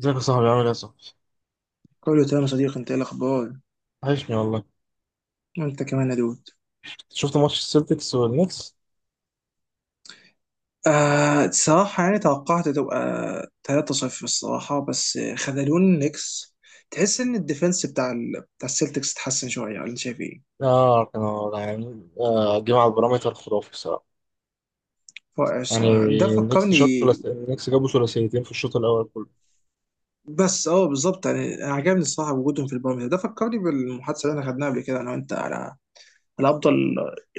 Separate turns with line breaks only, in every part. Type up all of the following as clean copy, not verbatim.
ازيك يا صاحبي، عامل ايه يا صاحبي؟
كله تمام يا صديقي، انت ايه الاخبار؟
وحشني والله.
وانت كمان يا دود.
شفت ماتش السلتكس والنكس؟
آه، الصراحة يعني توقعت تبقى 3-0 الصراحة، بس خذلون النكس. تحس ان الديفenس بتاع السلتكس اتحسن شوية، ولا انت شايف ايه؟
اه، كانوا يعني جمع على البارامتر خرافي بصراحة.
رائع
يعني
الصراحة، ده
النكس
فكرني.
شوت ثلاث، النكس جابوا ثلاثيتين في الشوط الأول كله.
بس اه بالظبط، يعني انا عجبني الصراحة وجودهم في البارم، ده فكرني بالمحادثة اللي احنا خدناها قبل كده انا وانت على افضل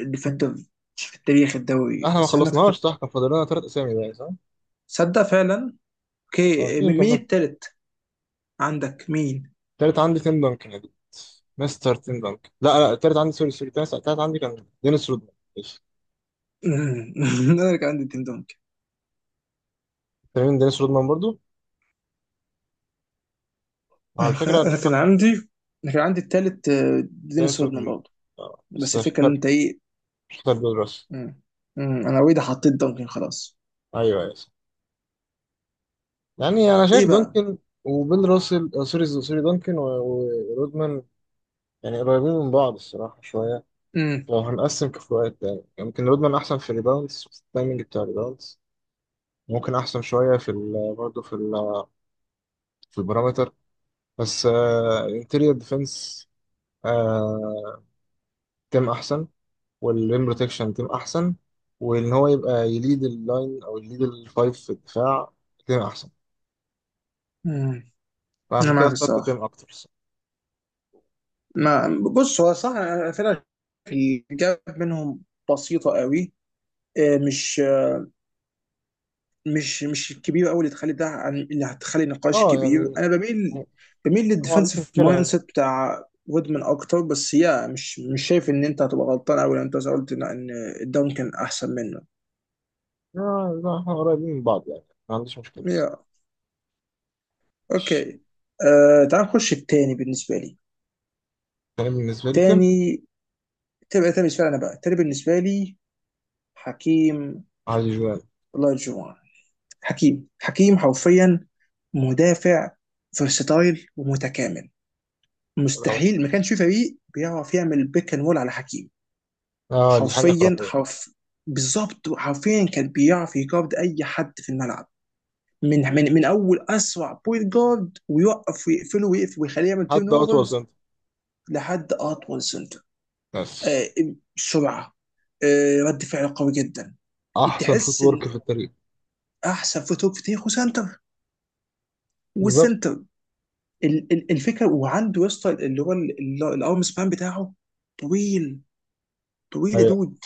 ديفندر في تاريخ الدوري،
احنا ما
بس انا
خلصناش، صح؟ كان فاضل لنا ثلاث أسامي بقى، صح؟
تصدق فعلا. اوكي،
عارفين،
مين
كملت.
التالت؟ عندك مين؟
التالت عندي تيم دانكن يا دود. مستر تيم دانكن، لا لا، التالت عندي، سوري سوري، التالت عندي كان دينيس رودمان، ماشي.
مم. انا كان عندي تيم دونك
فاهمين دينيس رودمان برضو؟ على
انا كان
فكرة
أنا
لا،
كان عندي انا كان عندي التالت، دينيس
دينيس
وودمان
رودمان.
برضه.
آه،
بس
بس في
الفكره ان
فرق،
انت ايه.
مش فرق دول راس.
مم. مم. انا اوريدي حطيت دونكن خلاص.
ايوه ايوه، يعني انا شايف
ايه بقى؟
دانكن وبيل راسل، سوري سوري، دانكن ورودمان يعني قريبين من بعض الصراحه شويه.
مم.
لو هنقسم كفاءات، يعني يمكن رودمان احسن في الريباوندز، في التايمنج بتاع الريباوندز. ممكن احسن شويه برضه في البارامتر. بس الانتيريور ديفense تيم احسن، والريم بروتكشن تيم احسن. وان هو يبقى يليد اللاين او يليد الفايف في الدفاع، تيم احسن.
مم. انا
فعشان كده
معاك
اخترت
الصراحه.
تيم اكتر الصراحة.
ما بص، هو صح أنا فعلا الجاب منهم بسيطه قوي. آه، مش مش الكبير قوي اللي تخلي ده عن اللي هتخلي نقاش
اه
كبير،
يعني،
انا
يعني،
بميل
ما عنديش
للديفنسيف
مشكله
مايند سيت
يعني.
بتاع وودمان اكتر، بس مش شايف ان انت هتبقى غلطان قوي لو انت قلت إن الداون كان احسن منه.
آه لا، احنا قريبين من بعض يعني، ما عنديش مشكلة.
يا
ماشي.
اوكي. آه، تعال نخش التاني بالنسبه لي.
أنا بالنسبة لي تم
تاني تبقى تاني بالنسبه لي انا بقى تاني بالنسبه لي حكيم
علي جوان.
لاجوان. حكيم حكيم حرفيا مدافع فيرساتايل ومتكامل، مستحيل ما كانش في فريق بيعرف يعمل بيك اند رول على حكيم.
آه، دي حاجة
حرفيا
خرافية.
حرف بالظبط، حرفيا كان بيعرف يجارد اي حد في الملعب، من اول اسرع بوينت جارد، ويوقف ويقفله ويقفل ويخليه يعمل تيرن
حد أطول
اوفرز
سنتر،
لحد اطول سنتر.
بس
آه سرعه، رد فعل قوي جدا.
أحسن شوت
تحس ان
ورك في التاريخ.
احسن فوتوك في تاريخه سنتر،
بالظبط.
والسنتر الفكره. وعنده يا اسطى اللي هو الارم سبان بتاعه طويل، طويل يا
أيوة.
دود.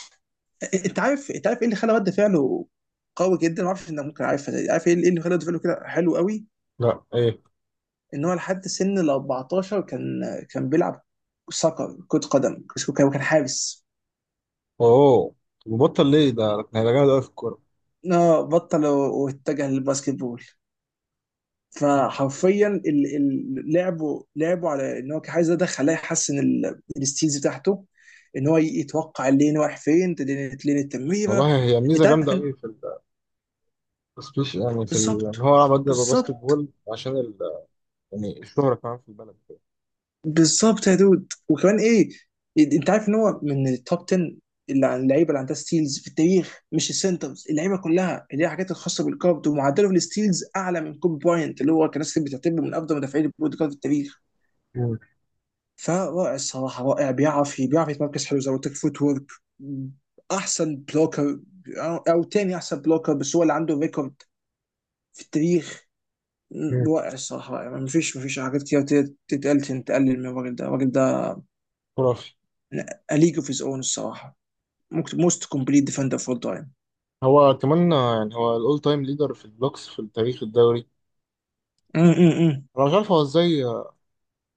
انت عارف ايه اللي خلى رد فعله قوي جدا؟ ما اعرفش انك ممكن عارفها دي. عارف ايه اللي إيه اللي خلى رد فعله كده حلو قوي؟
لا، إيه؟
ان هو لحد سن ال 14 كان بيلعب سoccer، كرة قدم. كان حارس.
أوه، بطل ليه؟ ده جامد أوي في الكورة.
اه بطل واتجه للباسكت بول.
مم.
فحرفيا لعبه على ان هو كان عايز، ده خلاه يحسن الستيلز بتاعته، ان هو يتوقع اللين رايح فين، لين التمريره.
والله هي ميزة
انت
جامدة
عارف إن-
أوي في السبيش، يعني إن
بالظبط
هو عمل ده باسكت
بالظبط
بول. عشان ال... يعني الشهرة كمان في البلد كده.
بالظبط يا دود. وكمان ايه؟ انت عارف ان هو من التوب 10 اللي عن اللعيبه اللي عندها ستيلز في التاريخ، مش السنترز، اللعيبه كلها اللي هي الحاجات الخاصه بالكارد، ومعدله في الستيلز اعلى من كوب براينت، اللي هو كان ناس كتير بتعتبره من افضل مدافعين البوينت جارد في التاريخ.
مم.
فرائع الصراحه رائع. بيعرف يتمركز حلو، زي ما قلت لك فوت ورك. احسن بلوكر او تاني احسن بلوكر، بس هو اللي عنده ريكورد في التاريخ.
مم.
رائع الصراحه رائع. مفيش حاجات كتير تتقال تقلل من الراجل ده. الراجل ده
خرافي.
A League of His Own الصراحة، ممكن most complete defender of all time.
هو كمان، يعني هو الأول تايم ليدر في البلوكس في تاريخ الدوري.
أمم، أمم، أمم.
أنا مش عارف هو إزاي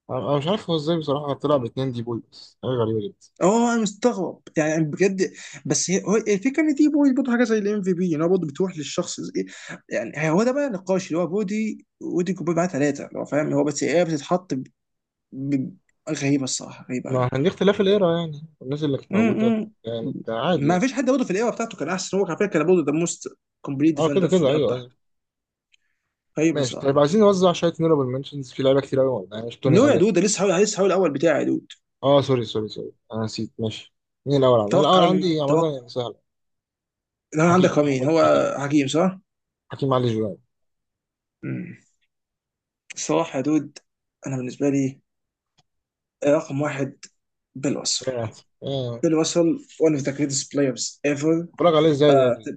انا مش عارف هو ازاي بصراحه طلع باتنين دي بوي، بس حاجه غريبه جدا.
اه انا مستغرب يعني بجد. بس الفكره ان دي بودي برضه حاجه زي الام في بي، ان هو برضه بتروح للشخص يعني هو ده بقى النقاش، اللي هو بودي ودي كوبي معاه ثلاثه اللي هو فاهم هو، بس هي بتتحط ب... غريبه الصراحه، غريبه
ما
قوي.
عن دي اختلاف الايرا، يعني الناس اللي كانت موجوده.
م- م.
يعني بتاع عادي
ما
يعني.
فيش حد برضه في الايرا بتاعته كان احسن. هو على فكره كان برضه ده موست كومبليت
اه، كده
ديفندر في
كده،
الايرا
ايوه ايوه.
بتاعته. غريبه
ماشي. طيب،
الصراحه.
عايزين نوزع شويه نورابل منشنز في لعيبه كتير قوي، يعني مش
نو
توني
يا
الين.
دود، ده لسه حاول الاول بتاعي يا دود.
اه سوري سوري سوري، انا نسيت، ماشي. مين الاول عندي؟ عامه
توقع
يعني سهل.
اللي انا عندك،
حكيم،
هو مين
محمد حكيم،
هو؟ حكيم صح؟
حكيم علي جوان.
مم. صلاح يا دود. انا بالنسبه لي إيه رقم واحد بالوصل.
اه. آه.
بالوصل one of the greatest players ever.
اتفرج عليه ازاي ده
آه،
يعني؟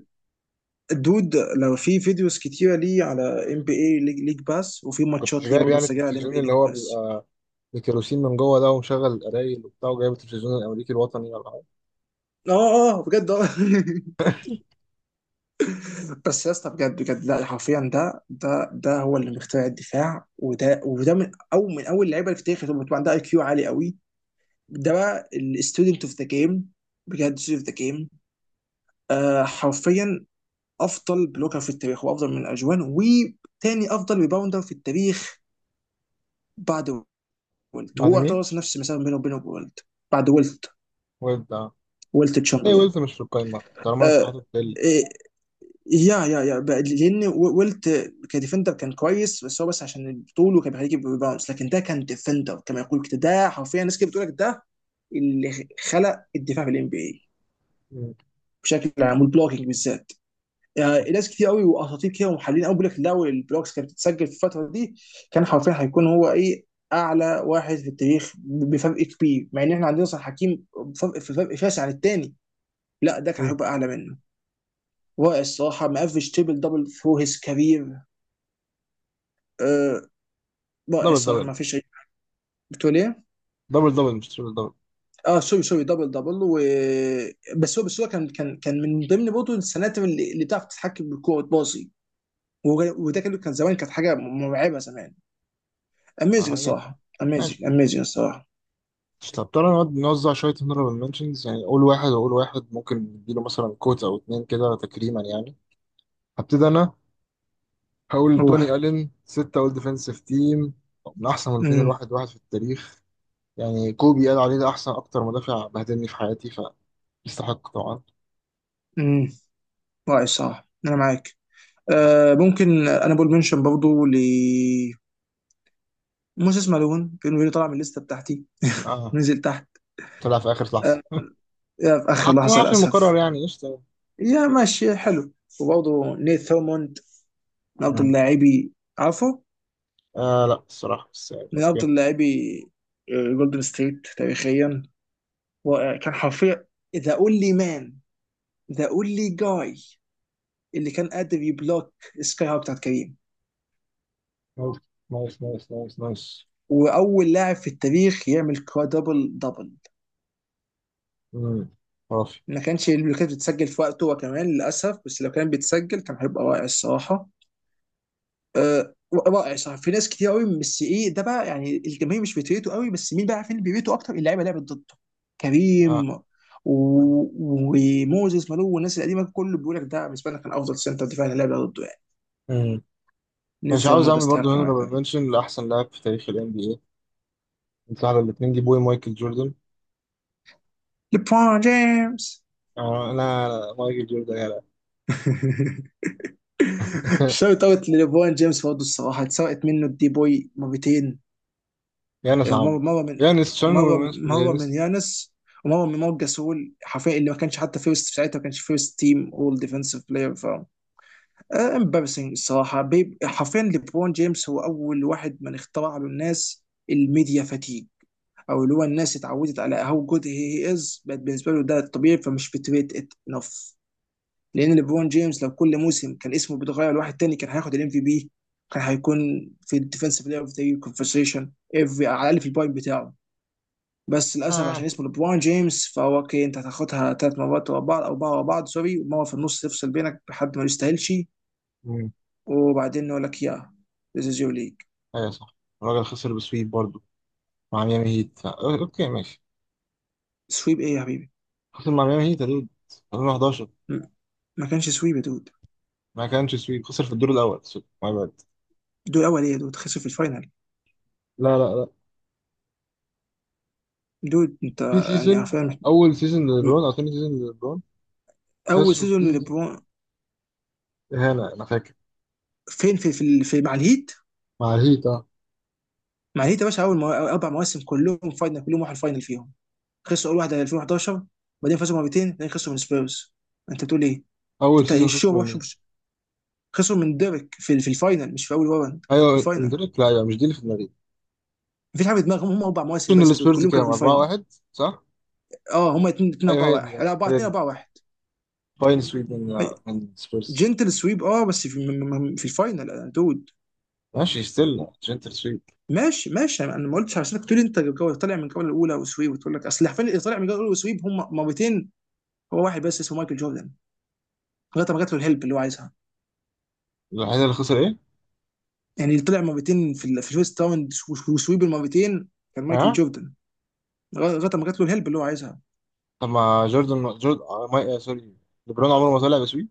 الدود لو في فيديوز كتيره ليه على ام بي اي ليج باس، وفي
كنتش
ماتشات ليه
جايب
برضه
يعني
مسجله على ام
التلفزيون
بي اي
اللي
ليج
هو
باس.
بيبقى بكيروسين من جوه ده، ومشغل القرايل وبتاع، وجايب التلفزيون الامريكي الوطني، ولا حاجه؟
اه اه بجد اه. بس يا اسطى بجد بجد، لا حرفيا. ده هو اللي مخترع الدفاع، وده من اول اللعيبه اللي في التاريخ، اللي بتبقى عندها اي كيو عالي قوي. ده بقى الستودنت اوف ذا جيم. بجد، ستودنت اوف ذا جيم حرفيا. افضل بلوكر في التاريخ، وافضل من اجوان، وتاني افضل ريباوندر في التاريخ بعد ويلت.
بعد
هو اعتبر
مين؟
نفس المسافه بينه وبينه ويلت. بعد ويلت،
ويب. آه.
ويلت
هي
تشامبرلين.
ويلز مش في القايمة طالما أنت
آه
حاطط بيل.
إيه، لان ويلت كديفندر كان كويس، بس عشان طوله كان بيخليه يجيب ريباوندز، لكن ده كان ديفندر كما يقول كده. ده حرفيا الناس كده بتقول لك ده اللي خلق الدفاع في الام بي اي
مم.
بشكل عام، والبلوكينج بالذات. يعني ناس كتير قوي واساطير كده ومحللين قوي بيقول لك، لو البلوكس كانت بتتسجل في الفتره دي كان حرفيا هيكون هو ايه اعلى واحد في التاريخ بفرق كبير، مع ان احنا عندنا صلاح حكيم. فرق شاسع عن التاني. لا ده كان
مم.
هيبقى اعلى منه. رائع الصراحه، مقفش تريبل دبل ثرو هيز كارير. آه، رائع
دبل
الصراحه،
دبل.
ما فيش اي. بتقول ايه؟
دبل دبل، مش تريبل دبل.
اه سوري سوري، دبل دبل. بس هو كان من ضمن برضه السناتر اللي بتعرف تتحكم بالكوره وتباصي، وده كان زمان كانت حاجه مرعبه زمان. اميزنج
آه يعني.
الصراحه،
ماشي.
اميزنج اميزنج الصراحه.
طب تعالى نقعد نوزع شوية honorable mentions، يعني قول واحد وقول واحد، ممكن نديله مثلا كوت أو اتنين كده تكريما يعني. هبتدي أنا. هقول توني
روح.
ألين، ستة أول ديفنسيف تيم، من أحسن مدافعين
امم
الواحد واحد في التاريخ. يعني كوبي قال عليه ده أحسن أكتر مدافع بهدلني في حياتي، فيستحق طبعا.
امم رائع الصراحه، انا معاك. ممكن انا بقول منشن برضه ل موسى اسمالون، كان فيني طلع من الليسته بتاعتي،
آه،
نزل تحت.
طلع في آخر لحظة.
آه في اخر لحظه
حاطينه عشان مكرر،
للاسف.
يعني قشطة.
ماشي حلو. وبرضه نيث ثورموند، من افضل لاعبي، عفوا،
آه لا، الصراحة مش صعب،
من
اوكي.
افضل لاعبي جولدن ستيت تاريخيا. رائع كان حرفيا، ذا اونلي مان، ذا اونلي جاي اللي كان قادر يبلوك سكاي هوك بتاعت كريم،
نايس نايس نايس نايس نايس.
واول لاعب في التاريخ يعمل كوادربل دبل.
امم. خرافي.
ما كانش اللي كانت بتسجل في وقته هو كمان للاسف، بس لو كان بيتسجل كان هيبقى رائع الصراحه. أه رائع صراحه، في ناس كتير قوي، بس ايه ده بقى يعني الجماهير مش بتريته قوي، بس مين بقى عارفين اللي بيريته اكتر؟ اللعيبه اللي لعبت ضده، كريم
آه.
وموزيس مالو والناس القديمه، كله بيقول لك ده بالنسبه لنا كان افضل سنتر دفاع اللي لعب ضده يعني.
مم.
نيث
مش عاوز
رومان ده
اعمل
يستحق
برضه
إنه يلعب.
هنرابل منشن لاحسن لاعب في تاريخ ال NBA. انت على الاتنين جيبوه مايكل جوردن.
ليبرون جيمس.
آه لا لا، مايكل جوردن يا لا.
شوت اوت لليبرون جيمس برضه الصراحه، اتسرقت منه الدي بوي مرتين.
يانس عمو.
مره من
يانس، تشيرنوبل منشن
مره من
يانس.
يانس، ومره من مارك جاسول حرفيا، اللي ما كانش حتى فيرست في ساعتها، ما كانش فيرست تيم اول ديفنسيف بلاير. امبارسنج الصراحه بيب. حرفيا ليبرون جيمس هو اول واحد من اخترع له الناس الميديا فاتيج، او اللي هو الناس اتعودت على هاو جود هي از، بقت بالنسبه له ده الطبيعي، فمش بتريت ات انف. لان ليبرون جيمس لو كل موسم كان اسمه بيتغير لواحد تاني كان هياخد الام في بي. كان هيكون في الديفنسيف بلاير اوف ذا يير كونفرسيشن افري، على الاقل في البوينت بتاعه. بس للاسف عشان
آه.
اسمه ليبرون جيمس، فهو اوكي انت هتاخدها ثلاث مرات ورا بعض او اربعه ورا بعض، سوري، ومره في النص تفصل بينك بحد ما يستاهلش.
امم.
وبعدين يقول لك ذيس از يور ليج.
ايوه صح. الراجل خسر بسويت برضه مع ميامي هيت، اوكي ماشي.
سويب ايه يا حبيبي؟
خسر مع ميامي هيت يا دود، 2011.
م- ما كانش سويب يا دود.
ما كانش سويت، خسر في الدور الاول، سوري، my bad.
دول اول ايه يا دود؟ خسر في الفاينل.
لا لا لا،
دود انت
في
يعني
سيزون.
عارفين
اول سيزون للبرون او تاني سيزون للبرون
اول
خسروا
سيزون
فيه.
لليبرون،
اهانه، انا فاكر.
في مع الهيت.
مع الهيت، اه.
ما هي يا باشا، أول اربع مواسم كلهم فاينل، كلهم راحوا الفاينل فيهم. خسروا اول واحده 2011، بعدين فازوا مرتين، بعدين خسروا من سبيرز. انت بتقول ايه؟
اول
انت
سيزون
الشو
خسروا من
وحش
مين؟
خسروا من ديريك في الفاينل مش في اول راوند. في
ايوه
الفاينل.
اندريك، لا ايوه، مش دي اللي في دماغي.
مفيش حاجه في دماغهم. هم اربع مواسم
سيزون
بس دول
السبيرز
كلهم كانوا
كام؟
في الفاينل.
4-1 صح؟
اه هم اتنين اتنين
ايوه
اربعه
هي دي،
واحد، لا اربعه
هي
اتنين
دي.
اربعه واحد.
فاين سويب من، من السبيرز.
جنتل سويب، اه بس في الفاينل دود.
ماشي، ستيل جنتل سويب.
ماشي أنا ما قلتش عشان تقول انت طالع من الجوله الاولى وسويب، وتقول لك اصل حرفيا اللي طالع من الجوله الاولى وسويب هم مرتين. هو واحد بس اسمه مايكل جوردن، لغايه ما جات له الهيلب اللي هو عايزها.
الوحيد اللي خسر ايه؟
يعني طلع مرتين في الفيرست راوند وسويب المرتين كان مايكل
ها؟
جوردن، لغايه ما جات له الهيلب اللي هو عايزها.
طب ما جوردن جورد آه، ماي آه، سوري، ليبرون عمره ما طلع بسويب.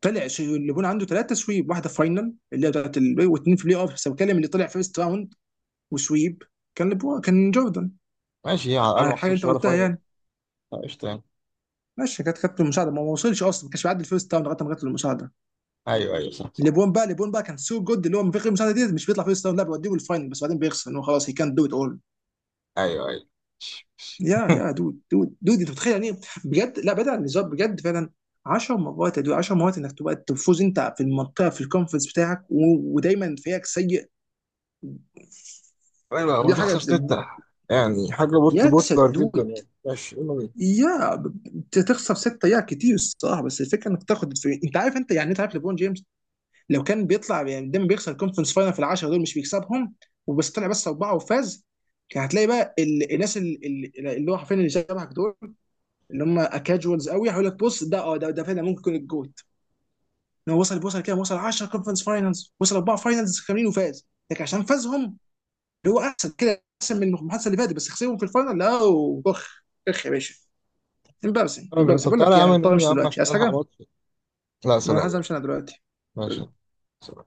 ليبرون عنده ثلاثه سويب، واحده فاينل اللي هي بتاعت واثنين في بلاي اوف، بس بتكلم اللي طلع فيرست راوند وسويب كان ليبرون كان جوردن
ماشي، على الاقل
على
ما
الحاجه اللي
خسرش
انت
ولا
قلتها
فاينل.
يعني.
آه، قشطه يعني.
ماشي، كانت المساعده ما وصلش اصلا، ما كانش بيعدي الفيرست راوند لغايه ما جات له المساعده.
ايوه ايوه، صح صح.
ليبرون بقى كان سو جود، اللي هو من غير المساعده دي مش بيطلع فيرست راوند، لا بيوديه الفاينل، بس بعدين بيخسر ان هو خلاص، هي كان دو ات اول.
ايوه ايوه.
يا يا دود انت متخيل يعني إيه؟ بجد لا، بعيد عن الهزار بجد فعلا. 10 مرات يا دود، 10 مرات انك تبقى تفوز انت في المنطقه الكونفرنس بتاعك، ودايما فريقك سيء.
ايوه،
دي حاجه
وتخسر ستة.
دي-
يعني حاجة بطل،
يا
بطلر جدا
سدود
يعني. ماشي، يلا
تخسر سته، يا كتير الصراحه، بس الفكره انك تاخد الفريق. انت عارف ليبرون جيمس لو كان بيطلع يعني دايما بيخسر الكونفرنس فاينل في العشره دول مش بيكسبهم، طلع بس اربعه وفاز. كان هتلاقي بقى الناس اللي هو حرفيا اللي شبهك دول، اللي هم كاجوالز قوي، هيقول لك بص، ده فعلا ممكن يكون الجوت، ان هو وصل كده، وصل 10 كونفرنس فاينلز، وصل اربعه فاينلز كاملين وفاز، لكن عشان فازهم اللي هو احسن كده احسن من المحادثه اللي فاتت، بس خسرهم في الفاينل، لا. اخ، اخ يا باشا، امبارسنج
بينا.
امبارسنج.
طب
بقول
تعالى
لك
يا
ايه، انا
عم
مضطر
نقوم يا
امشي
عم
دلوقتي،
عشان
عايز
نلحق
حاجه؟
ماتش. لا،
ما انا
سلام
عايز
يعني.
امشي انا دلوقتي.
ماشي. سلام.